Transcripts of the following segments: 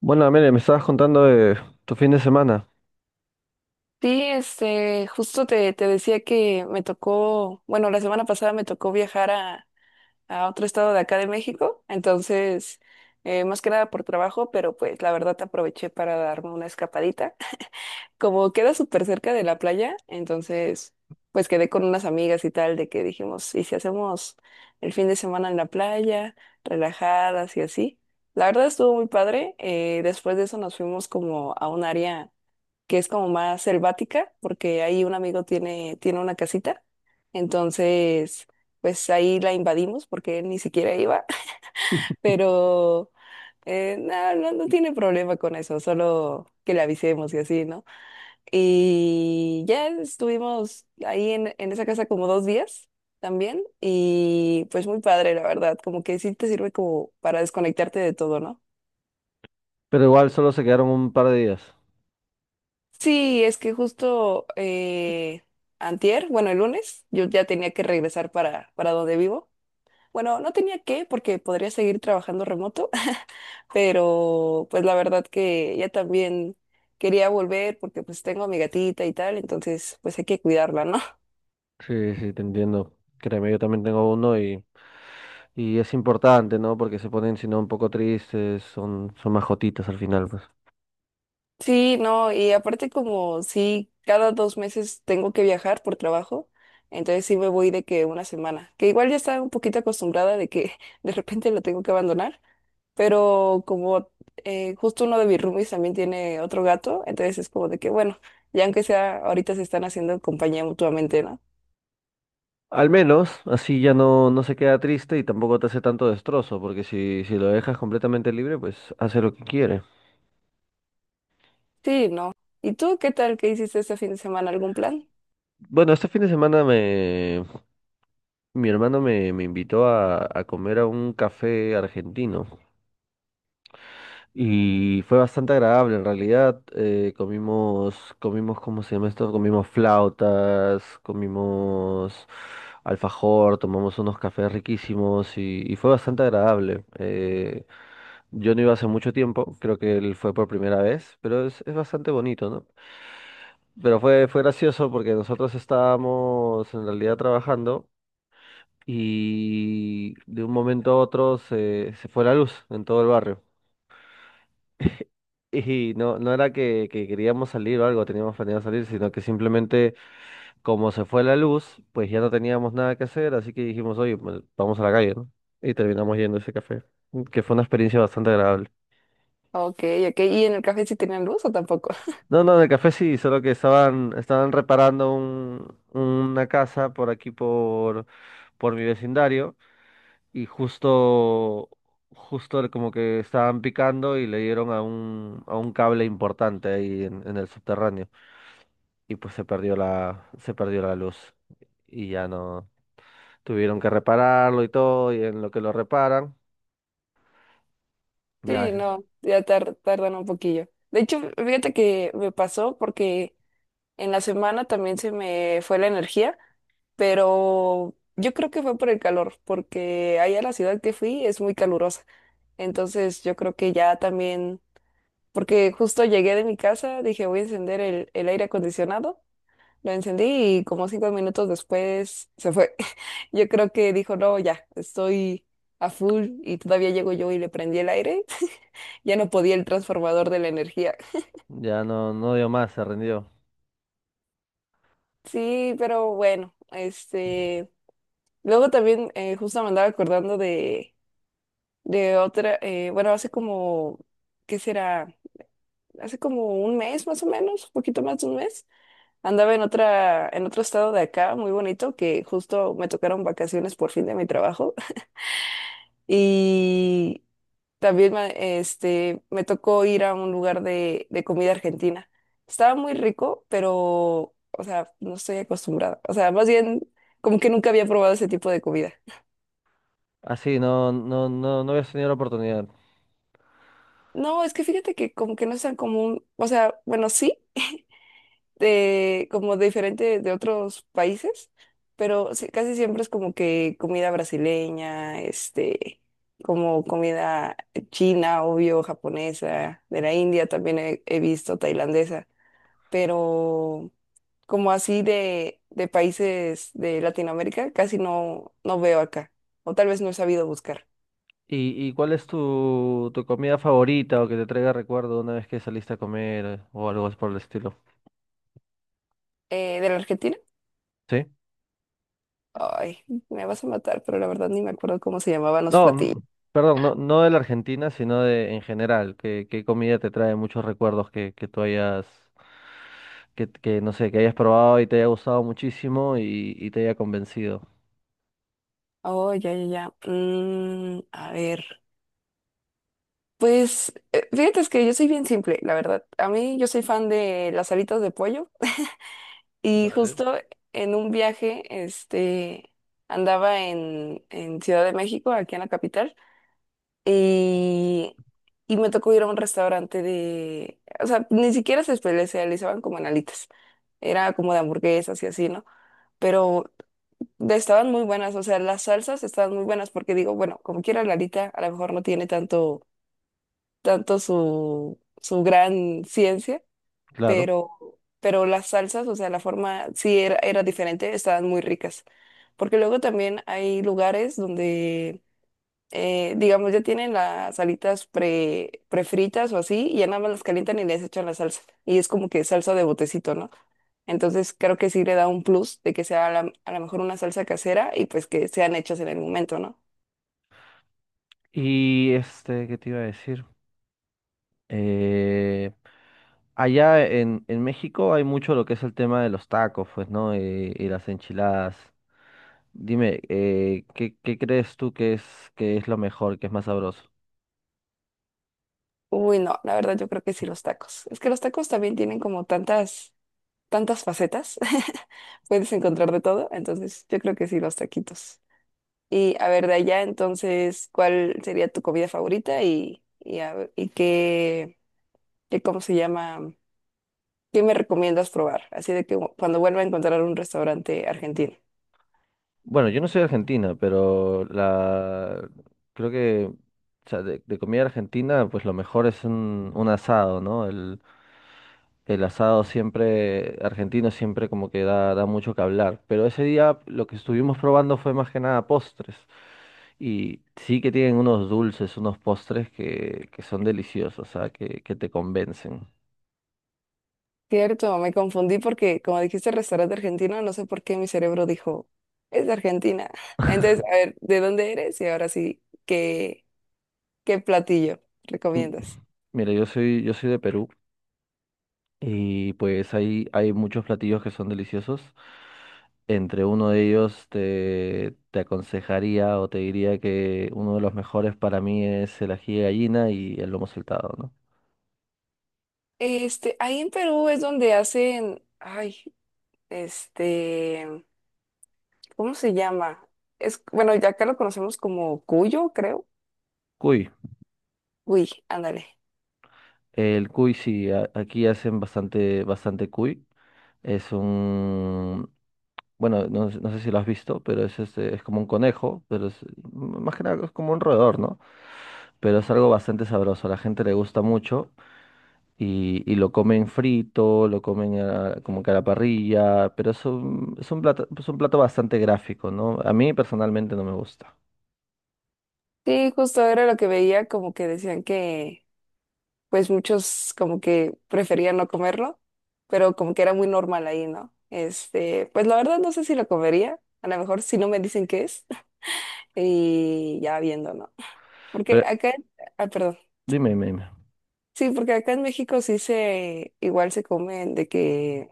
Bueno, Amelia, me estabas contando de tu fin de semana, Sí, justo te decía que me tocó, bueno, la semana pasada me tocó viajar a otro estado de acá de México, entonces, más que nada por trabajo, pero pues la verdad te aproveché para darme una escapadita. Como queda súper cerca de la playa, entonces, pues quedé con unas amigas y tal, de que dijimos, ¿y si hacemos el fin de semana en la playa, relajadas y así? La verdad estuvo muy padre, después de eso nos fuimos como a un área que es como más selvática, porque ahí un amigo tiene una casita, entonces pues ahí la invadimos porque él ni siquiera iba, pero no, no, no tiene problema con eso, solo que le avisemos y así, ¿no? Y ya estuvimos ahí en esa casa como dos días también y pues muy padre, la verdad, como que sí te sirve como para desconectarte de todo, ¿no? pero igual solo se quedaron un par de días. Sí, es que justo antier, bueno, el lunes, yo ya tenía que regresar para donde vivo. Bueno, no tenía que porque podría seguir trabajando remoto, pero pues la verdad que ya también quería volver porque pues tengo a mi gatita y tal, entonces pues hay que cuidarla, ¿no? Sí, sí, te entiendo. Créeme, yo también tengo uno y es importante, ¿no? Porque se ponen, si no, un poco tristes, son más jotitas al final, pues. Sí, no, y aparte como sí, cada dos meses tengo que viajar por trabajo, entonces sí me voy de que una semana, que igual ya estaba un poquito acostumbrada de que de repente lo tengo que abandonar. Pero como justo uno de mis roomies también tiene otro gato, entonces es como de que, bueno, ya aunque sea, ahorita se están haciendo compañía mutuamente, ¿no? Al menos, así ya no se queda triste y tampoco te hace tanto destrozo, porque si lo dejas completamente libre, pues hace lo que quiere. Sí, no. ¿Y tú qué tal? ¿Qué hiciste este fin de semana? ¿Algún plan? Bueno, este fin de semana mi hermano me invitó a comer a un café argentino. Y fue bastante agradable en realidad. Comimos, ¿cómo se llama esto? Comimos flautas, comimos alfajor, tomamos unos cafés riquísimos y fue bastante agradable. Yo no iba hace mucho tiempo, creo que él fue por primera vez, pero es bastante bonito, ¿no? Pero fue gracioso porque nosotros estábamos en realidad trabajando y de un momento a otro se fue la luz en todo el barrio. Y no, no era que queríamos salir o algo, teníamos planeado salir, sino que simplemente como se fue la luz, pues ya no teníamos nada que hacer, así que dijimos, oye, pues, vamos a la calle, ¿no? Y terminamos yendo a ese café, que fue una experiencia bastante agradable. Ok, ok. ¿Y en el café sí tenían luz o tampoco? No, no, en el café sí, solo que estaban reparando una casa por aquí, por mi vecindario, y justo, justo como que estaban picando y le dieron a a un cable importante ahí en el subterráneo. Y pues se perdió se perdió la luz y ya no tuvieron que repararlo y todo y en lo que lo reparan ya Sí, no, ya tardan un poquillo. De hecho, fíjate que me pasó porque en la semana también se me fue la energía, pero yo creo que fue por el calor, porque allá la ciudad que fui es muy calurosa. Entonces yo creo que ya también, porque justo llegué de mi casa, dije voy a encender el aire acondicionado, lo encendí y como cinco minutos después se fue. Yo creo que dijo, no, ya, estoy a full y todavía llego yo y le prendí el aire, ya no podía el transformador de la energía. ya no dio más, se rindió. Sí, pero bueno, luego también justo me andaba acordando de otra, bueno, hace como, ¿qué será? Hace como un mes más o menos, un poquito más de un mes. Andaba en otra, en otro estado de acá, muy bonito, que justo me tocaron vacaciones por fin de mi trabajo. Y también me, me tocó ir a un lugar de comida argentina. Estaba muy rico, pero, o sea, no estoy acostumbrada. O sea, más bien, como que nunca había probado ese tipo de comida. Así no habías tenido la oportunidad. No, es que fíjate que como que no es tan común. O sea, bueno, sí, de, como diferente de otros países, pero sí, casi siempre es como que comida brasileña, como comida china, obvio, japonesa, de la India también he visto tailandesa, pero como así de países de Latinoamérica, casi no, no veo acá, o tal vez no he sabido buscar. Y cuál es tu comida favorita o que te traiga recuerdo una vez que saliste a comer o algo por el estilo? ¿De la Argentina? ¿Sí? Ay, me vas a matar, pero la verdad ni me acuerdo cómo se llamaban los No, platillos. Perdón, no, no de la Argentina, sino de en general. ¿Qué, qué comida te trae muchos recuerdos que tú hayas, que no sé, que hayas probado y te haya gustado muchísimo y te haya convencido? Oh, ya, ya, ya. Mm, a ver. Pues fíjate es que yo soy bien simple, la verdad. A mí yo soy fan de las alitas de pollo y Vale. justo en un viaje, andaba en Ciudad de México, aquí en la capital, y, y me tocó ir a un restaurante de, o sea, ni siquiera se especializaban como en alitas, era como de hamburguesas y así, ¿no? Pero estaban muy buenas, o sea, las salsas estaban muy buenas porque digo, bueno, como quiera la alita, a lo mejor no tiene tanto tanto su gran ciencia, Claro. pero, pero las salsas, o sea, la forma sí era, era diferente, estaban muy ricas. Porque luego también hay lugares donde, digamos, ya tienen las alitas prefritas o así, y ya nada más las calientan y les echan la salsa. Y es como que salsa de botecito, ¿no? Entonces creo que sí le da un plus de que sea a lo mejor una salsa casera y pues que sean hechas en el momento, ¿no? Y este, ¿qué te iba a decir? Eh, allá en México hay mucho lo que es el tema de los tacos, pues, ¿no? Y las enchiladas. Dime, ¿qué, qué crees tú que es lo mejor, que es más sabroso? Uy, no, la verdad yo creo que sí los tacos. Es que los tacos también tienen como tantas tantas facetas, puedes encontrar de todo, entonces yo creo que sí, los taquitos. Y a ver, de allá, entonces, ¿cuál sería tu comida favorita y, y qué, qué, cómo se llama, qué me recomiendas probar? Así de que cuando vuelva a encontrar un restaurante argentino. Bueno, yo no soy argentina, pero la creo que, o sea, de comida argentina, pues lo mejor es un asado, ¿no? El asado siempre, argentino siempre como que da, da mucho que hablar. Pero ese día lo que estuvimos probando fue más que nada postres. Y sí que tienen unos dulces, unos postres que son deliciosos, o sea, que te convencen. Cierto, me confundí porque como dijiste restaurante argentino, no sé por qué mi cerebro dijo, es de Argentina. Entonces, a ver, ¿de dónde eres? Y ahora sí, ¿qué, qué platillo M- recomiendas? Mira, yo soy de Perú. Y pues hay muchos platillos que son deliciosos. Entre uno de ellos te, te aconsejaría o te diría que uno de los mejores para mí es el ají de gallina y el lomo saltado, ¿no? Ahí en Perú es donde hacen, ay, este, ¿cómo se llama? Es, bueno, ya acá lo conocemos como cuyo, creo. Cuy. Uy, ándale. El cuy sí, aquí hacen bastante, bastante cuy. Es un, bueno, no, no sé si lo has visto, pero es este, es como un conejo, pero es más que nada es como un roedor, ¿no? Pero es algo bastante sabroso, a la gente le gusta mucho y lo comen frito, lo comen como que a la parrilla, pero es un plato bastante gráfico, ¿no? A mí personalmente no me gusta. Sí, justo era lo que veía, como que decían que, pues muchos como que preferían no comerlo, pero como que era muy normal ahí, ¿no? Pues la verdad no sé si lo comería, a lo mejor si no me dicen qué es, y ya viendo, ¿no? Porque Pero acá, ah, perdón. dime, dime, dime. Sí, porque acá en México sí se, igual se comen de que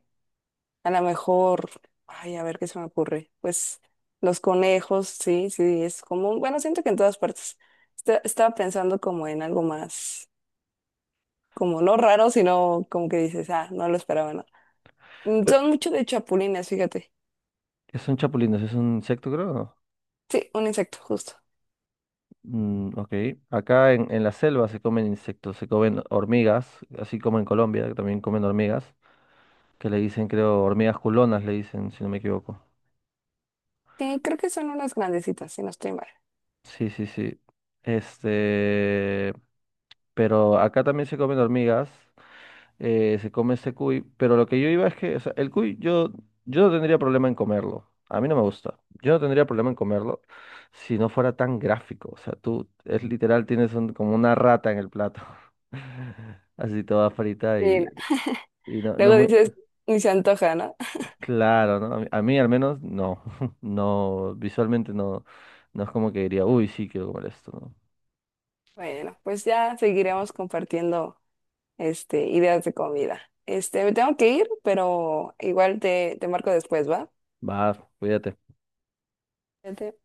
a lo mejor, ay, a ver qué se me ocurre. Pues los conejos, sí, sí, es común. Bueno, siento que en todas partes. Estaba pensando como en algo más, como no raro, sino como que dices, ah, no lo esperaba, no. Mm, Pero, son mucho de chapulines, fíjate. ¿qué son chapulines? ¿Es un insecto, creo? No. Sí, un insecto, justo. Mm, ok. Acá en la selva se comen insectos, se comen hormigas, así como en Colombia, que también comen hormigas, que le dicen, creo, hormigas culonas, le dicen, si no me equivoco. Sí, creo que son unas grandecitas, si no estoy mal. Sí, sí, sí. Este, pero acá también se comen hormigas se come este cuy, pero lo que yo iba es que, o sea, el cuy yo, yo no tendría problema en comerlo, a mí no me gusta, yo no tendría problema en comerlo si no fuera tan gráfico, o sea, tú es literal, tienes como una rata en el plato, así toda frita Sí, no. y no, no Luego muy dices, ni se antoja, ¿no? claro, ¿no? A mí al menos no, no, visualmente no, no es como que diría, uy, sí, quiero comer esto, ¿no? Bueno, pues ya seguiremos compartiendo ideas de comida. Me tengo que ir, pero igual te, te marco después, ¿va? Va, cuídate. Sede.